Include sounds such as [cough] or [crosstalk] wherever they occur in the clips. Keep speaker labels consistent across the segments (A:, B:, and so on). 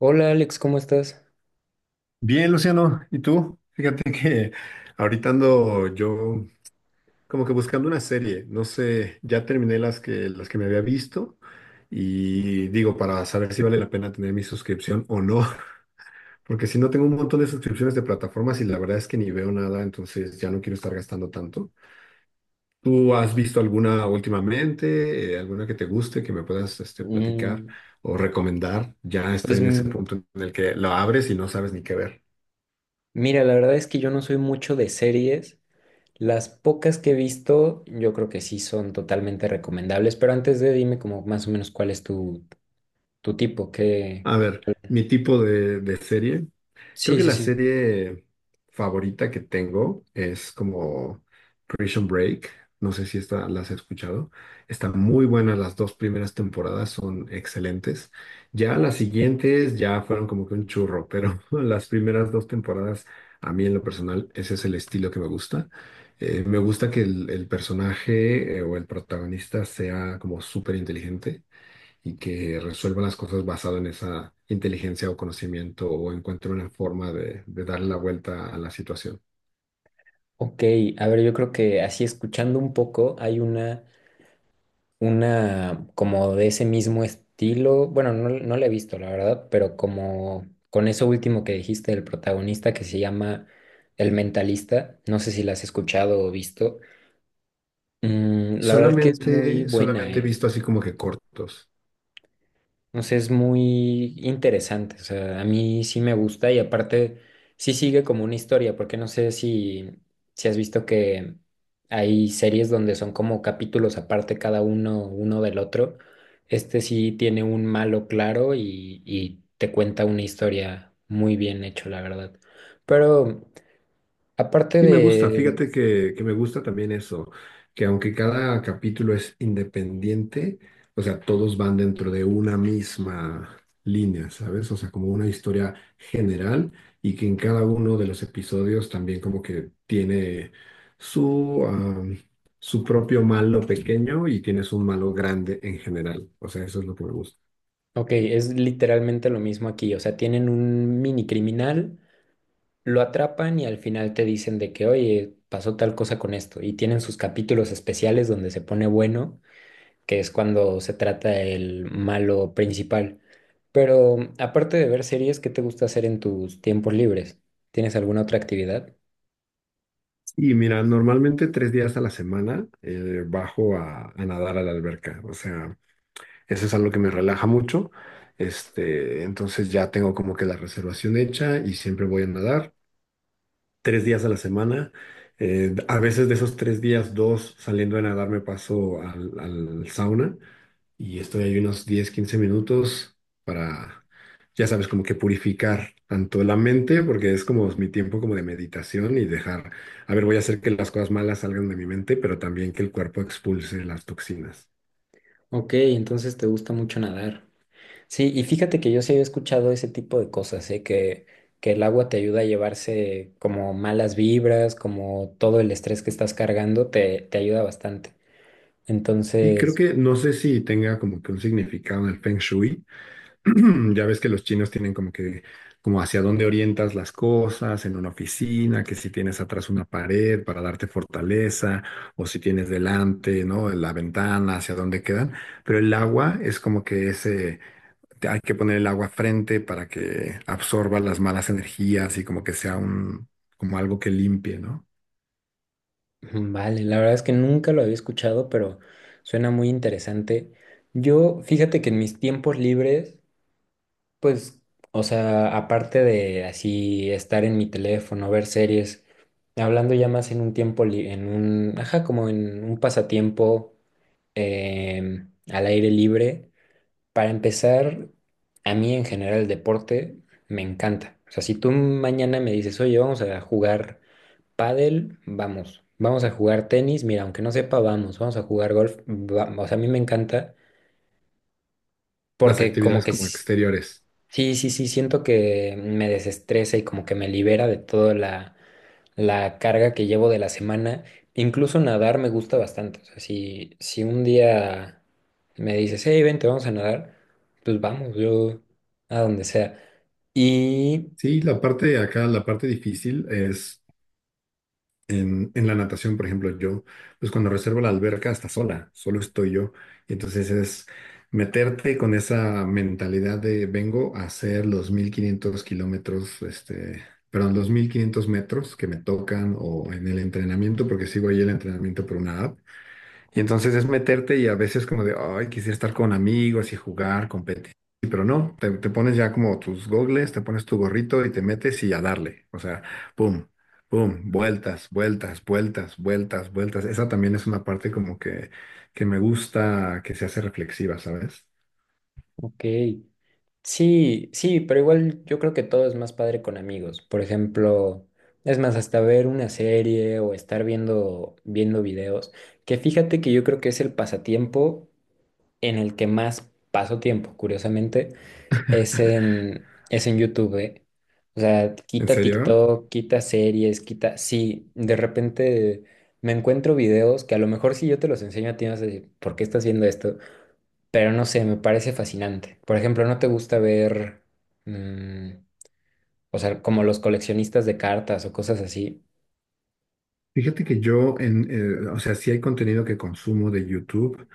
A: Hola Alex, ¿cómo estás?
B: Bien, Luciano, ¿y tú? Fíjate [laughs] que ahorita ando yo como que buscando una serie. No sé, ya terminé las que me había visto y digo, para saber si vale la pena tener mi suscripción o no, [laughs] porque si no tengo un montón de suscripciones de plataformas y la verdad es que ni veo nada, entonces ya no quiero estar gastando tanto. ¿Tú has visto alguna últimamente, alguna que te guste, que me puedas este, platicar
A: Mm.
B: o recomendar? Ya
A: Pues
B: estoy en ese punto en el que la abres y no sabes ni qué ver.
A: mira, la verdad es que yo no soy mucho de series. Las pocas que he visto, yo creo que sí son totalmente recomendables, pero antes de dime como más o menos cuál es tu tipo, que...
B: A ver, mi tipo de serie. Creo
A: Sí,
B: que
A: sí,
B: la
A: sí.
B: serie favorita que tengo es como Prison Break. No sé si esta las has escuchado. Están muy buenas las dos primeras temporadas, son excelentes. Ya las siguientes ya fueron como que un churro, pero [laughs] las primeras dos temporadas, a mí en lo personal, ese es el estilo que me gusta. Me gusta que el personaje o el protagonista sea como súper inteligente y que resuelva las cosas basado en esa inteligencia o conocimiento o encuentre una forma de darle la vuelta a la situación.
A: Ok, a ver, yo creo que así escuchando un poco, hay una como de ese mismo estilo. Bueno, no, no la he visto, la verdad, pero como con eso último que dijiste del protagonista que se llama El Mentalista, no sé si la has escuchado o visto. Mm, la verdad es que es muy
B: Solamente,
A: buena,
B: solamente he
A: ¿eh?
B: visto así como que cortos.
A: O sea, es muy interesante. O sea, a mí sí me gusta y aparte sí sigue como una historia, porque no sé si has visto que hay series donde son como capítulos aparte cada uno, uno del otro. Este sí tiene un malo claro y te cuenta una historia muy bien hecho, la verdad. Pero aparte
B: Sí, me gusta,
A: de,
B: fíjate que me gusta también eso, que aunque cada capítulo es independiente, o sea, todos van dentro de una misma línea, ¿sabes? O sea, como una historia general y que en cada uno de los episodios también como que tiene su, su propio malo pequeño y tienes un malo grande en general. O sea, eso es lo que me gusta.
A: ok, es literalmente lo mismo aquí. O sea, tienen un mini criminal. Lo atrapan y al final te dicen de que, oye, pasó tal cosa con esto. Y tienen sus capítulos especiales donde se pone bueno, que es cuando se trata el malo principal. Pero aparte de ver series, ¿qué te gusta hacer en tus tiempos libres? ¿Tienes alguna otra actividad?
B: Y mira, normalmente tres días a la semana bajo a nadar a la alberca. O sea, eso es algo que me relaja mucho. Este, entonces ya tengo como que la reservación hecha y siempre voy a nadar tres días a la semana. A veces de esos tres días, dos saliendo a nadar me paso al sauna y estoy ahí unos 10 15 minutos para, ya sabes, como que purificar tanto la mente, porque es como mi tiempo como de meditación y dejar, a ver, voy a hacer que las cosas malas salgan de mi mente, pero también que el cuerpo expulse las toxinas.
A: Ok, entonces te gusta mucho nadar. Sí, y fíjate que yo sí había escuchado ese tipo de cosas, ¿eh? Que el agua te ayuda a llevarse como malas vibras, como todo el estrés que estás cargando, te ayuda bastante.
B: Y creo
A: Entonces,
B: que no sé si tenga como que un significado en el Feng Shui. [clears throat] Ya ves que los chinos tienen como que, como hacia dónde orientas las cosas en una oficina, que si tienes atrás una pared para darte fortaleza, o si tienes delante, ¿no? La ventana, hacia dónde quedan. Pero el agua es como que ese, hay que poner el agua frente para que absorba las malas energías y como que sea un, como algo que limpie, ¿no?
A: mm, vale, la verdad es que nunca lo había escuchado, pero suena muy interesante. Yo, fíjate que en mis tiempos libres, pues, o sea, aparte de así estar en mi teléfono, ver series, hablando ya más en un tiempo, li- en un, ajá, como en un pasatiempo al aire libre, para empezar, a mí en general el deporte me encanta. O sea, si tú mañana me dices, oye, vamos a jugar. Pádel, vamos, vamos a jugar tenis, mira, aunque no sepa, vamos, vamos a jugar golf, vamos, o sea, a mí me encanta
B: Las
A: porque como
B: actividades
A: que
B: como
A: sí,
B: exteriores.
A: sí, sí, sí, siento que me desestresa y como que me libera de toda la carga que llevo de la semana. Incluso nadar me gusta bastante, o sea, si un día me dices, hey, vente, vamos a nadar, pues vamos, yo a donde sea. Y,
B: Sí, la parte de acá, la parte difícil es en la natación, por ejemplo, yo, pues cuando reservo la alberca está sola, solo estoy yo. Y entonces es meterte con esa mentalidad de vengo a hacer los 1500 kilómetros, este, perdón, los 1500 metros que me tocan o en el entrenamiento, porque sigo ahí el entrenamiento por una app. Y entonces es meterte y a veces como de, ay, quisiera estar con amigos y jugar, competir. Pero no, te pones ya como tus gogles, te pones tu gorrito y te metes y a darle. O sea, pum, pum, vueltas, vueltas, vueltas, vueltas, vueltas. Esa también es una parte como que me gusta, que se hace reflexiva, ¿sabes?
A: ok. Sí, sí, pero igual yo creo que todo es más padre con amigos. Por ejemplo, es más, hasta ver una serie o estar viendo videos, que fíjate que yo creo que es el pasatiempo en el que más paso tiempo, curiosamente, es
B: [laughs]
A: en YouTube, ¿eh? O sea,
B: ¿En
A: quita
B: serio?
A: TikTok, quita series, quita... Sí, de repente me encuentro videos que a lo mejor si yo te los enseño a ti vas a decir, ¿por qué estás viendo esto? Pero no sé, me parece fascinante. Por ejemplo, ¿no te gusta ver, mm, o sea, como los coleccionistas de cartas o cosas así?
B: Fíjate que yo, en, o sea, sí hay contenido que consumo de YouTube,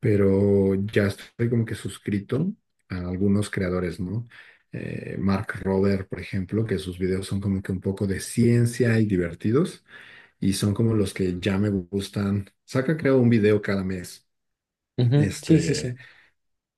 B: pero ya estoy como que suscrito a algunos creadores, ¿no? Mark Rober, por ejemplo, que sus videos son como que un poco de ciencia y divertidos, y son como los que ya me gustan. Saca, creo, un video cada mes.
A: Ujú. Sí, sí,
B: Este.
A: sí.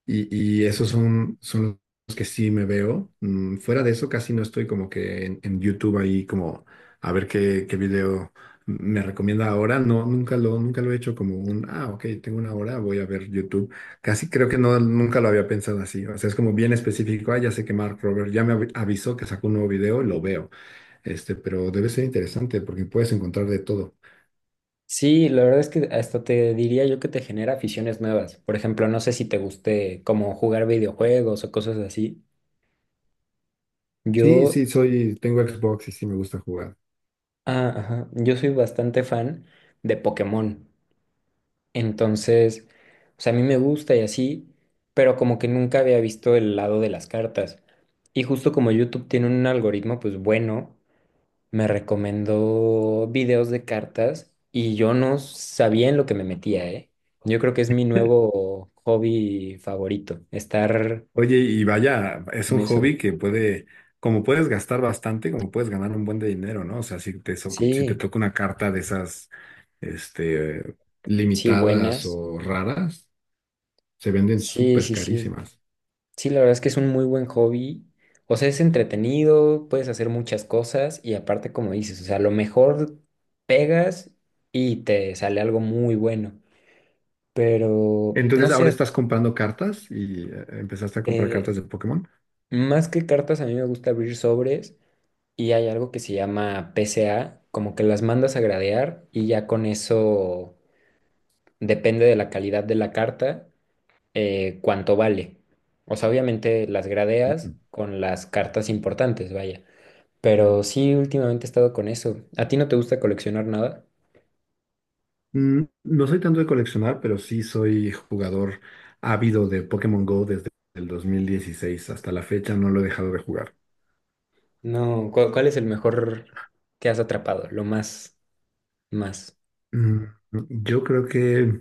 B: Y esos son, son los que sí me veo. Fuera de eso, casi no estoy como que en YouTube ahí como a ver qué, qué video me recomienda ahora. No, nunca lo he hecho como un, ah, ok, tengo una hora, voy a ver YouTube. Casi creo que no, nunca lo había pensado así. O sea, es como bien específico. Ah, ya sé que Mark Robert ya me avisó que sacó un nuevo video y lo veo. Este, pero debe ser interesante porque puedes encontrar de todo.
A: Sí, la verdad es que hasta te diría yo que te genera aficiones nuevas. Por ejemplo, no sé si te guste como jugar videojuegos o cosas así.
B: Sí,
A: Yo,
B: sí, soy, tengo Xbox y sí me gusta jugar.
A: ah, ajá, yo soy bastante fan de Pokémon. Entonces, o sea, a mí me gusta y así, pero como que nunca había visto el lado de las cartas. Y justo como YouTube tiene un algoritmo, pues bueno, me recomendó videos de cartas y yo no sabía en lo que me metía, ¿eh? Yo creo que es mi nuevo hobby favorito, estar
B: Oye, y vaya, es
A: con
B: un
A: eso.
B: hobby que puede, como puedes gastar bastante, como puedes ganar un buen de dinero, ¿no? O sea, si te, si te
A: Sí,
B: toca una carta de esas, este,
A: sí,
B: limitadas
A: buenas.
B: o raras, se venden
A: Sí,
B: súper
A: sí, sí.
B: carísimas.
A: Sí, la verdad es que es un muy buen hobby. O sea, es entretenido, puedes hacer muchas cosas y aparte, como dices, o sea, a lo mejor pegas y te sale algo muy bueno. Pero, no
B: Entonces, ahora
A: sé,
B: estás comprando cartas y empezaste a comprar
A: eh,
B: cartas de Pokémon.
A: más que cartas, a mí me gusta abrir sobres y hay algo que se llama PCA, como que las mandas a gradear y ya con eso depende de la calidad de la carta, cuánto vale. O sea, obviamente las gradeas con las cartas importantes, vaya. Pero sí, últimamente he estado con eso. ¿A ti no te gusta coleccionar nada?
B: Mm, no soy tanto de coleccionar, pero sí soy jugador ávido de Pokémon Go desde el 2016. Hasta la fecha no lo he dejado de jugar.
A: No, ¿cu- ¿cuál es el mejor que has atrapado? Lo más, más.
B: Mm, yo creo que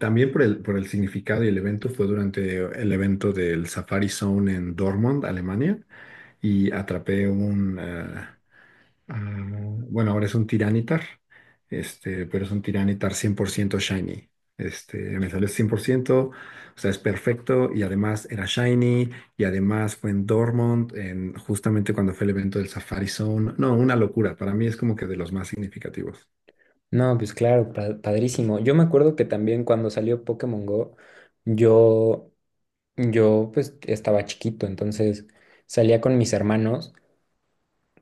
B: también por el significado y el evento fue durante el evento del Safari Zone en Dortmund, Alemania, y atrapé un, ah, bueno, ahora es un Tiranitar, este, pero es un Tiranitar 100% shiny. Este, me salió 100%, o sea, es perfecto y además era shiny y además fue en Dortmund, en, justamente cuando fue el evento del Safari Zone. No, una locura, para mí es como que de los más significativos.
A: No, pues claro, pa- padrísimo. Yo me acuerdo que también cuando salió Pokémon Go, yo, yo pues estaba chiquito, entonces salía con mis hermanos,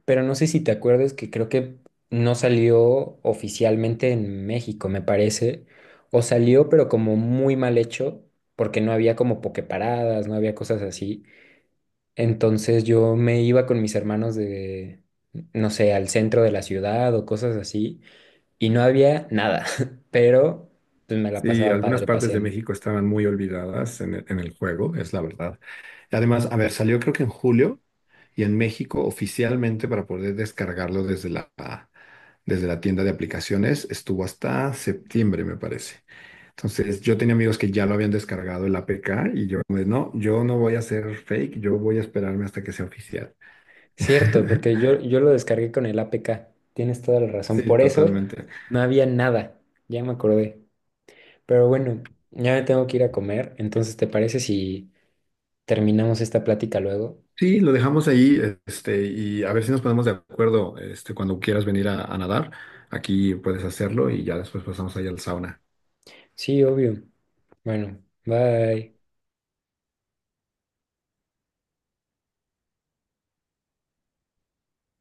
A: pero no sé si te acuerdas que creo que no salió oficialmente en México, me parece, o salió pero como muy mal hecho, porque no había como pokeparadas, no había cosas así. Entonces yo me iba con mis hermanos de, no sé, al centro de la ciudad o cosas así, y no había nada, [laughs] pero pues me la
B: Sí,
A: pasaba
B: algunas
A: padre
B: partes de
A: paseando.
B: México estaban muy olvidadas en el juego, es la verdad. Y además, a ver, salió creo que en julio y en México oficialmente para poder descargarlo desde la tienda de aplicaciones estuvo hasta septiembre, me parece. Entonces, yo tenía amigos que ya lo habían descargado el APK y yo, pues, no, yo no voy a hacer fake, yo voy a esperarme hasta que sea oficial. [laughs]
A: Cierto, porque yo lo descargué con el APK, tienes toda la razón,
B: Sí,
A: por eso
B: totalmente.
A: no había nada, ya me acordé. Pero bueno, ya me tengo que ir a comer, entonces ¿te parece si terminamos esta plática luego?
B: Sí, lo dejamos ahí, este, y a ver si nos ponemos de acuerdo, este, cuando quieras venir a nadar, aquí puedes hacerlo y ya después pasamos ahí al sauna.
A: Sí, obvio. Bueno, bye.